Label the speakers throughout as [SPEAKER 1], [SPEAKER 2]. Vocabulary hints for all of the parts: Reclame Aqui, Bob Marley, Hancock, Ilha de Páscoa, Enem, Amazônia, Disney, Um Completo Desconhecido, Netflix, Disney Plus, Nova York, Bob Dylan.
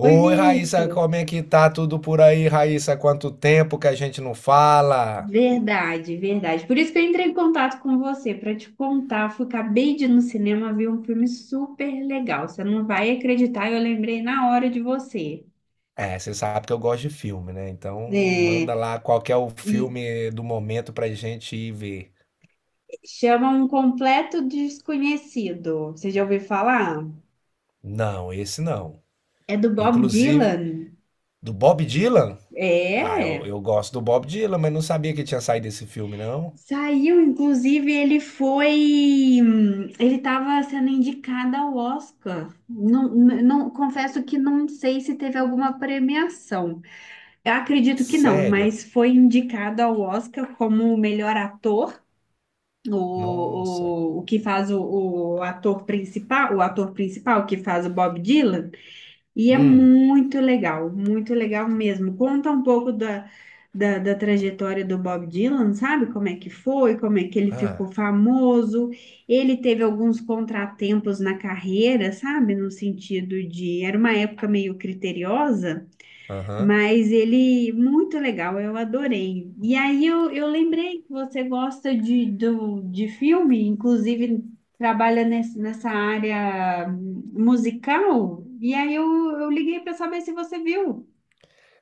[SPEAKER 1] Oi,
[SPEAKER 2] Raíssa,
[SPEAKER 1] Vitor.
[SPEAKER 2] como é que tá tudo por aí, Raíssa? Quanto tempo que a gente não fala?
[SPEAKER 1] Verdade, verdade. Por isso que eu entrei em contato com você, para te contar. Acabei de ir no cinema ver um filme super legal. Você não vai acreditar, eu lembrei na hora de você.
[SPEAKER 2] É, você sabe que eu gosto de filme, né? Então manda
[SPEAKER 1] É,
[SPEAKER 2] lá qual que é o
[SPEAKER 1] e
[SPEAKER 2] filme do momento pra gente ir ver.
[SPEAKER 1] Chama Um Completo Desconhecido. Você já ouviu falar?
[SPEAKER 2] Não, esse não.
[SPEAKER 1] É do Bob
[SPEAKER 2] Inclusive,
[SPEAKER 1] Dylan.
[SPEAKER 2] do Bob Dylan? Ah, eu,
[SPEAKER 1] É.
[SPEAKER 2] eu gosto do Bob Dylan, mas não sabia que tinha saído esse filme, não.
[SPEAKER 1] Saiu, inclusive, ele foi. Ele estava sendo indicado ao Oscar. Confesso que não sei se teve alguma premiação. Eu acredito que não,
[SPEAKER 2] Sério?
[SPEAKER 1] mas foi indicado ao Oscar como o melhor ator,
[SPEAKER 2] Nossa.
[SPEAKER 1] o que faz o ator principal, o ator principal que faz o Bob Dylan. E é
[SPEAKER 2] Hum.
[SPEAKER 1] muito legal mesmo. Conta um pouco da trajetória do Bob Dylan, sabe? Como é que foi, como é que ele
[SPEAKER 2] Ah,
[SPEAKER 1] ficou famoso. Ele teve alguns contratempos na carreira, sabe? No sentido de, era uma época meio criteriosa.
[SPEAKER 2] aham.
[SPEAKER 1] Mas ele, muito legal, eu adorei. E aí eu lembrei que você gosta de, do, de filme, inclusive trabalha nessa área musical. E aí eu liguei para saber se você viu.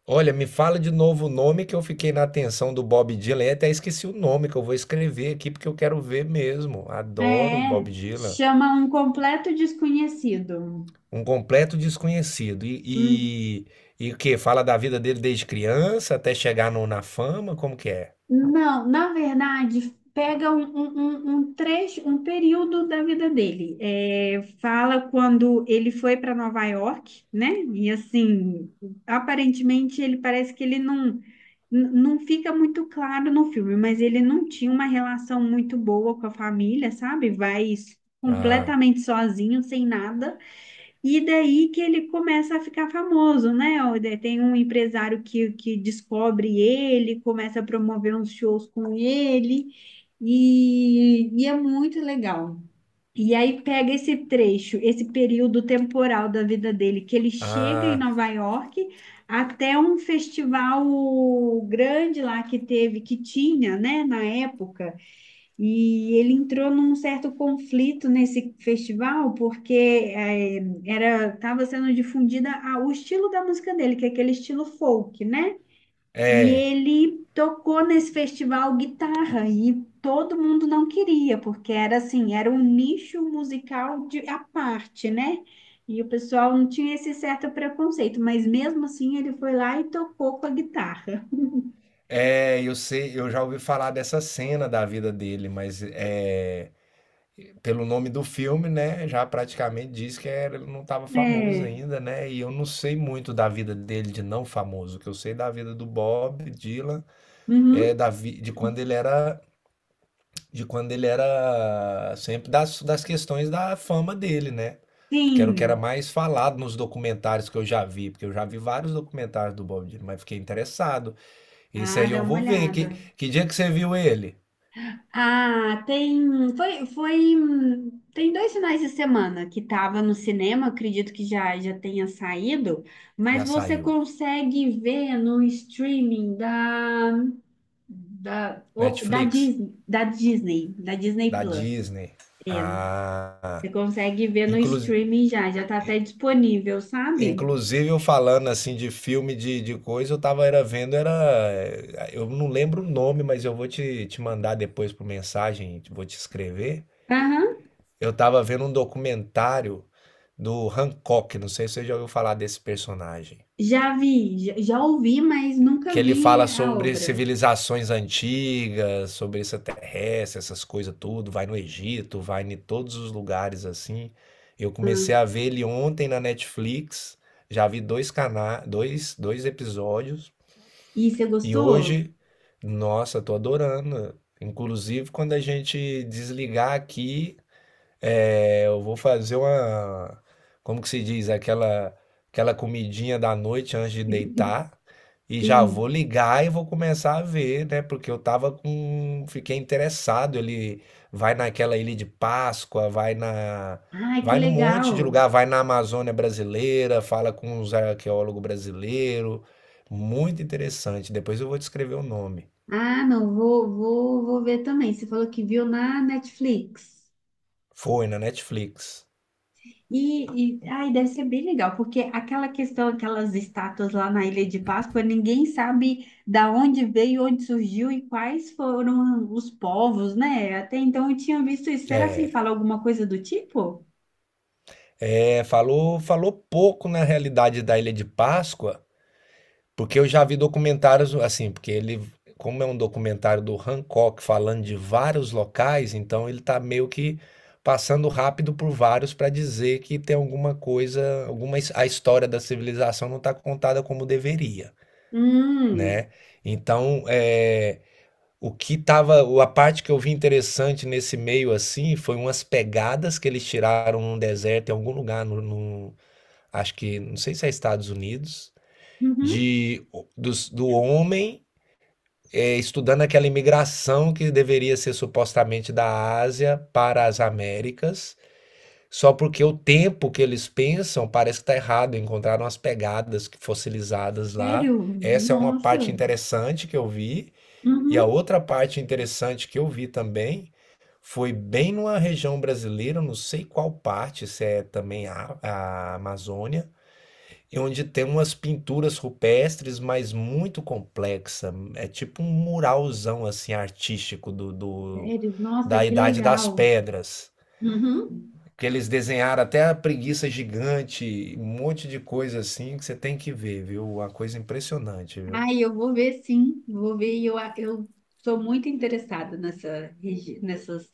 [SPEAKER 2] Olha, me fala de novo o nome que eu fiquei na atenção do Bob Dylan e até esqueci o nome que eu vou escrever aqui porque eu quero ver mesmo. Adoro o
[SPEAKER 1] É,
[SPEAKER 2] Bob Dylan.
[SPEAKER 1] chama Um Completo Desconhecido.
[SPEAKER 2] Um completo desconhecido.
[SPEAKER 1] Um
[SPEAKER 2] E, e o quê? Fala da vida dele desde criança até chegar na fama? Como que é?
[SPEAKER 1] Não, na verdade, pega um trecho, um período da vida dele. É, fala quando ele foi para Nova York, né? E assim, aparentemente ele parece que ele não, n- não fica muito claro no filme, mas ele não tinha uma relação muito boa com a família, sabe? Vai
[SPEAKER 2] Ah,
[SPEAKER 1] completamente sozinho, sem nada. E daí que ele começa a ficar famoso, né? Ó, daí tem um empresário que descobre ele, começa a promover uns shows com ele, e é muito legal. E aí pega esse trecho, esse período temporal da vida dele, que ele chega em
[SPEAKER 2] ah,
[SPEAKER 1] Nova York até um festival grande lá que teve, que tinha, né, na época. E ele entrou num certo conflito nesse festival, porque era estava sendo difundida o estilo da música dele, que é aquele estilo folk, né? E
[SPEAKER 2] é.
[SPEAKER 1] ele tocou nesse festival guitarra e todo mundo não queria, porque era assim, era um nicho musical de à parte, né? E o pessoal não tinha esse certo preconceito, mas mesmo assim ele foi lá e tocou com a guitarra.
[SPEAKER 2] É, eu sei, eu já ouvi falar dessa cena da vida dele, mas é, pelo nome do filme, né, já praticamente diz que ele não estava famoso
[SPEAKER 1] É.
[SPEAKER 2] ainda, né? E eu não sei muito da vida dele de não famoso. O que eu sei da vida do Bob Dylan é
[SPEAKER 1] Uhum.
[SPEAKER 2] de quando ele era de quando ele era sempre das, das questões da fama dele, né? Porque era o que era
[SPEAKER 1] Sim.
[SPEAKER 2] mais falado nos documentários que eu já vi, porque eu já vi vários documentários do Bob Dylan, mas fiquei interessado. Isso
[SPEAKER 1] Ah,
[SPEAKER 2] aí
[SPEAKER 1] dá
[SPEAKER 2] eu
[SPEAKER 1] uma
[SPEAKER 2] vou ver.
[SPEAKER 1] olhada.
[SPEAKER 2] Que dia que você viu ele?
[SPEAKER 1] Ah, tem. Foi, foi. Tem dois finais de semana que tava no cinema, acredito que já tenha saído, mas
[SPEAKER 2] Já
[SPEAKER 1] você
[SPEAKER 2] saiu.
[SPEAKER 1] consegue ver no streaming da, da, o- da
[SPEAKER 2] Netflix?
[SPEAKER 1] Disney, da Disney, da Disney
[SPEAKER 2] Da
[SPEAKER 1] Plus.
[SPEAKER 2] Disney. Ah.
[SPEAKER 1] Você consegue ver no
[SPEAKER 2] Inclusive,
[SPEAKER 1] streaming já tá até disponível, sabe?
[SPEAKER 2] inclusive eu falando assim de filme de coisa, eu tava era vendo, era. Eu não lembro o nome, mas eu vou te mandar depois por mensagem, vou te escrever.
[SPEAKER 1] Aham,
[SPEAKER 2] Eu tava vendo um documentário do Hancock, não sei se você já ouviu falar desse personagem,
[SPEAKER 1] já ouvi, mas
[SPEAKER 2] que
[SPEAKER 1] nunca
[SPEAKER 2] ele
[SPEAKER 1] vi
[SPEAKER 2] fala
[SPEAKER 1] a
[SPEAKER 2] sobre
[SPEAKER 1] obra.
[SPEAKER 2] civilizações antigas, sobre extraterrestre, essas coisas tudo, vai no Egito, vai em todos os lugares assim. Eu comecei a ver ele ontem na Netflix, já vi dois, dois episódios,
[SPEAKER 1] E você
[SPEAKER 2] e
[SPEAKER 1] gostou?
[SPEAKER 2] hoje, nossa, tô adorando. Inclusive, quando a gente desligar aqui, é, eu vou fazer uma, como que se diz, aquela comidinha da noite antes de deitar e já vou
[SPEAKER 1] Sim.
[SPEAKER 2] ligar e vou começar a ver, né? Porque eu tava com, fiquei interessado, ele vai naquela ilha de Páscoa,
[SPEAKER 1] Ai, que
[SPEAKER 2] vai num monte de
[SPEAKER 1] legal.
[SPEAKER 2] lugar, vai na Amazônia brasileira, fala com os arqueólogos brasileiros. Muito interessante. Depois eu vou te escrever o nome.
[SPEAKER 1] Ah, não, vou ver também. Você falou que viu na Netflix.
[SPEAKER 2] Foi na Netflix.
[SPEAKER 1] E ai, deve ser bem legal, porque aquela questão, aquelas estátuas lá na Ilha de Páscoa, ninguém sabe da onde veio, onde surgiu e quais foram os povos, né? Até então eu tinha visto isso. Será se ele
[SPEAKER 2] É,
[SPEAKER 1] fala alguma coisa do tipo?
[SPEAKER 2] é, falou, falou pouco na realidade da Ilha de Páscoa, porque eu já vi documentários assim, porque ele, como é um documentário do Hancock falando de vários locais, então ele tá meio que passando rápido por vários para dizer que tem alguma coisa, alguma a história da civilização não está contada como deveria,
[SPEAKER 1] Hum,
[SPEAKER 2] né? Então, é, o que tava, a parte que eu vi interessante nesse meio assim, foi umas pegadas que eles tiraram num deserto em algum lugar no, acho que, não sei se é Estados Unidos,
[SPEAKER 1] uhum,
[SPEAKER 2] de do homem é, estudando aquela imigração que deveria ser supostamente da Ásia para as Américas, só porque o tempo que eles pensam parece que está errado, encontraram as pegadas fossilizadas lá.
[SPEAKER 1] sério?
[SPEAKER 2] Essa é uma parte
[SPEAKER 1] Nossa,
[SPEAKER 2] interessante que eu vi, e a
[SPEAKER 1] uhum,
[SPEAKER 2] outra parte interessante que eu vi também foi bem numa região brasileira, não sei qual parte, se é também a Amazônia, e onde tem umas pinturas rupestres, mas muito complexa. É tipo um muralzão assim artístico
[SPEAKER 1] sério, nossa,
[SPEAKER 2] da
[SPEAKER 1] que
[SPEAKER 2] Idade das
[SPEAKER 1] legal.
[SPEAKER 2] Pedras,
[SPEAKER 1] Uhum.
[SPEAKER 2] que eles desenharam até a preguiça gigante, um monte de coisa assim que você tem que ver, viu? Uma coisa impressionante, viu?
[SPEAKER 1] Ai, eu vou ver sim, vou ver. Eu, eu sou muito interessada nessas,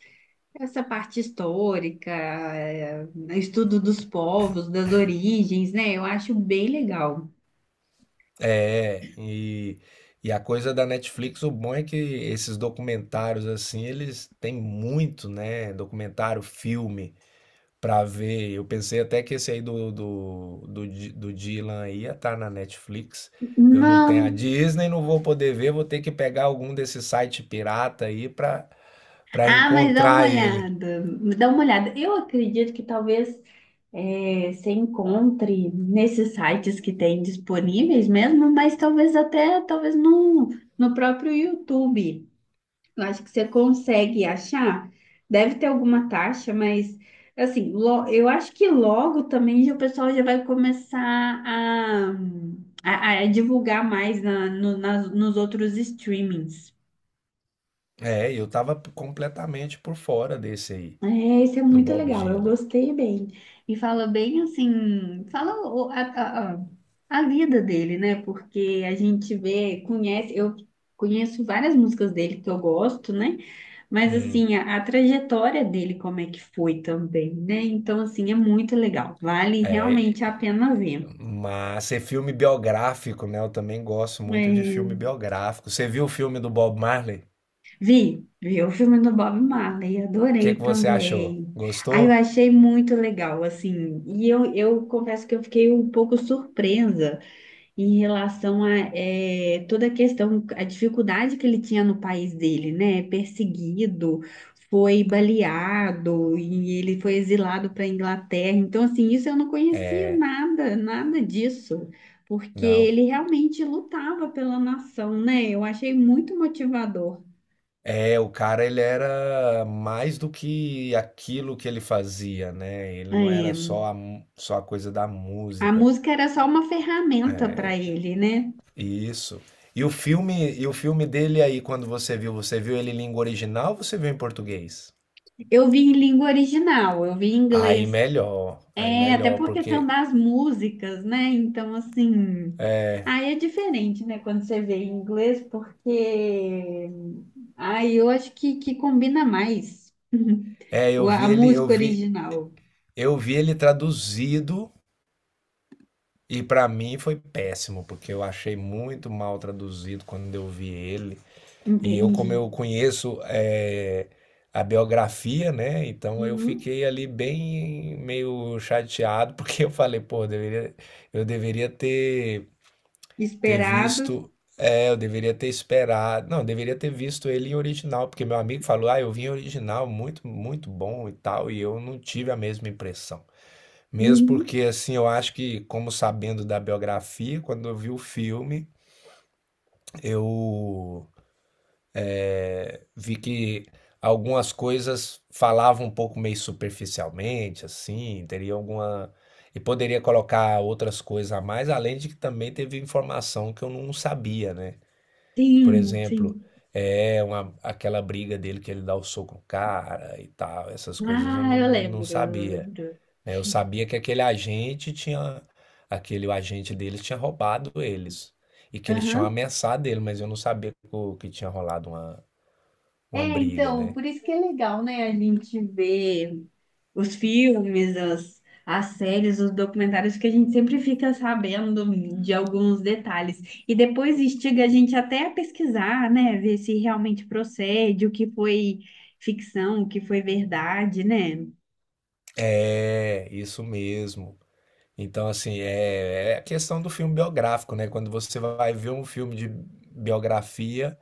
[SPEAKER 1] essa parte histórica, estudo dos povos, das origens, né? Eu acho bem legal.
[SPEAKER 2] É, e a coisa da Netflix, o bom é que esses documentários assim, eles têm muito, né? Documentário, filme. Pra ver, eu pensei até que esse aí do Dylan ia estar na Netflix. Eu não tenho a
[SPEAKER 1] Não.
[SPEAKER 2] Disney, não vou poder ver, vou ter que pegar algum desses site pirata aí pra para
[SPEAKER 1] Ah, mas
[SPEAKER 2] encontrar ele.
[SPEAKER 1] dá uma olhada. Eu acredito que talvez você encontre nesses sites que tem disponíveis mesmo, mas talvez até, talvez no próprio YouTube. Eu acho que você consegue achar. Deve ter alguma taxa, mas assim, eu acho que logo também já o pessoal já vai começar a, a divulgar mais na, no- nas- nos outros streamings.
[SPEAKER 2] É, eu tava completamente por fora desse aí,
[SPEAKER 1] É, isso é
[SPEAKER 2] do
[SPEAKER 1] muito
[SPEAKER 2] Bob
[SPEAKER 1] legal, eu
[SPEAKER 2] Dylan.
[SPEAKER 1] gostei bem. E fala bem assim, fala a vida dele, né? Porque a gente vê, conhece, eu conheço várias músicas dele que eu gosto, né? Mas
[SPEAKER 2] Hum.
[SPEAKER 1] assim, a trajetória dele, como é que foi também, né? Então, assim, é muito legal. Vale
[SPEAKER 2] É,
[SPEAKER 1] realmente a pena ver.
[SPEAKER 2] mas é filme biográfico, né? Eu também gosto muito de filme
[SPEAKER 1] É,
[SPEAKER 2] biográfico. Você viu o filme do Bob Marley?
[SPEAKER 1] Vi o filme do Bob Marley,
[SPEAKER 2] O que
[SPEAKER 1] adorei
[SPEAKER 2] que você achou?
[SPEAKER 1] também. Aí eu
[SPEAKER 2] Gostou?
[SPEAKER 1] achei muito legal, assim, e eu confesso que eu fiquei um pouco surpresa em relação a toda a questão, a dificuldade que ele tinha no país dele, né? Perseguido, foi baleado e ele foi exilado para a Inglaterra. Então, assim, isso eu não conhecia nada disso, porque
[SPEAKER 2] Não,
[SPEAKER 1] ele realmente lutava pela nação, né? Eu achei muito motivador.
[SPEAKER 2] é, o cara ele era mais do que aquilo que ele fazia, né? Ele não era
[SPEAKER 1] É,
[SPEAKER 2] só só a coisa da
[SPEAKER 1] a
[SPEAKER 2] música.
[SPEAKER 1] música era só uma ferramenta para ele, né?
[SPEAKER 2] E isso. E o filme dele aí, quando você viu ele em língua original ou você viu em português?
[SPEAKER 1] Eu vi em língua original, eu vi em inglês.
[SPEAKER 2] Aí
[SPEAKER 1] É, até
[SPEAKER 2] melhor,
[SPEAKER 1] por questão
[SPEAKER 2] porque
[SPEAKER 1] das músicas, né? Então, assim, aí é diferente, né, quando você vê em inglês, porque aí eu acho que combina mais
[SPEAKER 2] é,
[SPEAKER 1] a música original.
[SPEAKER 2] eu vi ele traduzido e pra mim foi péssimo, porque eu achei muito mal traduzido quando eu vi ele. E eu, como
[SPEAKER 1] Entende?
[SPEAKER 2] eu conheço é, a biografia, né? Então eu
[SPEAKER 1] Uhum.
[SPEAKER 2] fiquei ali bem meio chateado, porque eu falei, pô, eu deveria, eu deveria ter, ter
[SPEAKER 1] Esperado.
[SPEAKER 2] visto. É, eu deveria ter esperado. Não, eu deveria ter visto ele em original, porque meu amigo falou, ah, eu vi em original, muito, muito bom e tal, e eu não tive a mesma impressão. Mesmo
[SPEAKER 1] Uhum.
[SPEAKER 2] porque, assim, eu acho que, como sabendo da biografia, quando eu vi o filme, eu vi que algumas coisas falavam um pouco meio superficialmente, assim, teria alguma. E poderia colocar outras coisas a mais, além de que também teve informação que eu não sabia, né? Por exemplo,
[SPEAKER 1] Sim.
[SPEAKER 2] é uma, aquela briga dele que ele dá o soco no cara e tal, essas coisas eu
[SPEAKER 1] Ah,
[SPEAKER 2] não
[SPEAKER 1] eu
[SPEAKER 2] sabia,
[SPEAKER 1] lembro.
[SPEAKER 2] né? Eu sabia que aquele agente tinha. Aquele agente deles tinha roubado eles. E que eles tinham
[SPEAKER 1] Aham.
[SPEAKER 2] ameaçado ele, mas eu não sabia que que tinha rolado
[SPEAKER 1] É,
[SPEAKER 2] uma briga,
[SPEAKER 1] então,
[SPEAKER 2] né?
[SPEAKER 1] por isso que é legal, né, a gente ver os filmes, as séries, os documentários, que a gente sempre fica sabendo de alguns detalhes. E depois instiga a gente até a pesquisar, né? Ver se realmente procede, o que foi ficção, o que foi verdade, né?
[SPEAKER 2] É, isso mesmo. Então, assim, é, é a questão do filme biográfico, né? Quando você vai ver um filme de biografia,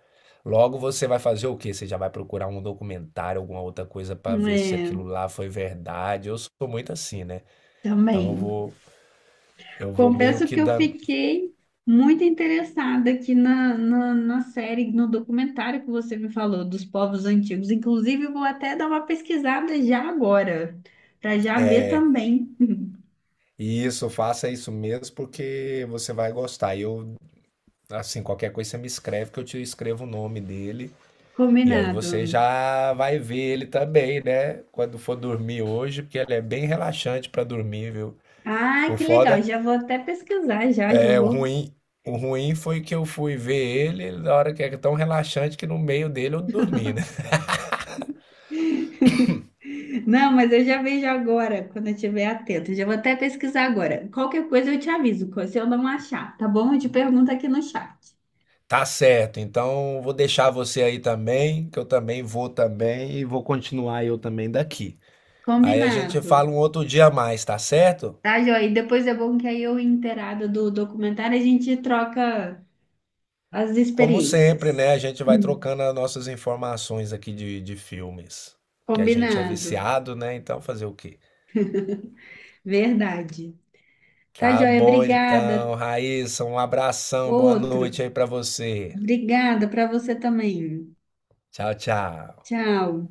[SPEAKER 2] logo você vai fazer o quê? Você já vai procurar um documentário, alguma outra coisa para ver se
[SPEAKER 1] É,
[SPEAKER 2] aquilo lá foi verdade. Eu sou muito assim, né? Então
[SPEAKER 1] também.
[SPEAKER 2] eu vou meio
[SPEAKER 1] Confesso
[SPEAKER 2] que
[SPEAKER 1] que eu
[SPEAKER 2] dando.
[SPEAKER 1] fiquei muito interessada aqui na série, no documentário que você me falou dos povos antigos. Inclusive, eu vou até dar uma pesquisada já agora, para já ver também.
[SPEAKER 2] Isso, faça isso mesmo porque você vai gostar. E eu, assim, qualquer coisa você me escreve que eu te escrevo o nome dele. E aí
[SPEAKER 1] Combinado.
[SPEAKER 2] você já vai ver ele também, né? Quando for dormir hoje, porque ele é bem relaxante para dormir, viu?
[SPEAKER 1] Ah,
[SPEAKER 2] O
[SPEAKER 1] que legal.
[SPEAKER 2] foda
[SPEAKER 1] Já
[SPEAKER 2] é o
[SPEAKER 1] vou.
[SPEAKER 2] ruim. O ruim foi que eu fui ver ele na hora que é tão relaxante que no meio dele eu dormi, né?
[SPEAKER 1] Não, mas eu já vejo agora, quando eu estiver atento. Já vou até pesquisar agora. Qualquer coisa eu te aviso, se eu não achar, tá bom? Eu te pergunto aqui no chat.
[SPEAKER 2] Tá certo. Então vou deixar você aí também, que eu também vou também e vou continuar eu também daqui. Aí a gente
[SPEAKER 1] Combinado.
[SPEAKER 2] fala um outro dia a mais, tá certo?
[SPEAKER 1] Tá, joia? E depois é bom que aí eu inteirada do documentário, a gente troca as
[SPEAKER 2] Como sempre, né?
[SPEAKER 1] experiências.
[SPEAKER 2] A gente vai
[SPEAKER 1] Uhum.
[SPEAKER 2] trocando as nossas informações aqui de filmes. Que a gente é
[SPEAKER 1] Combinado.
[SPEAKER 2] viciado, né? Então fazer o quê?
[SPEAKER 1] Verdade. Tá,
[SPEAKER 2] Tá
[SPEAKER 1] joia?
[SPEAKER 2] bom,
[SPEAKER 1] Obrigada.
[SPEAKER 2] então, Raíssa, um abração, boa noite
[SPEAKER 1] Outro.
[SPEAKER 2] aí pra você.
[SPEAKER 1] Obrigada para você também.
[SPEAKER 2] Tchau, tchau.
[SPEAKER 1] Tchau.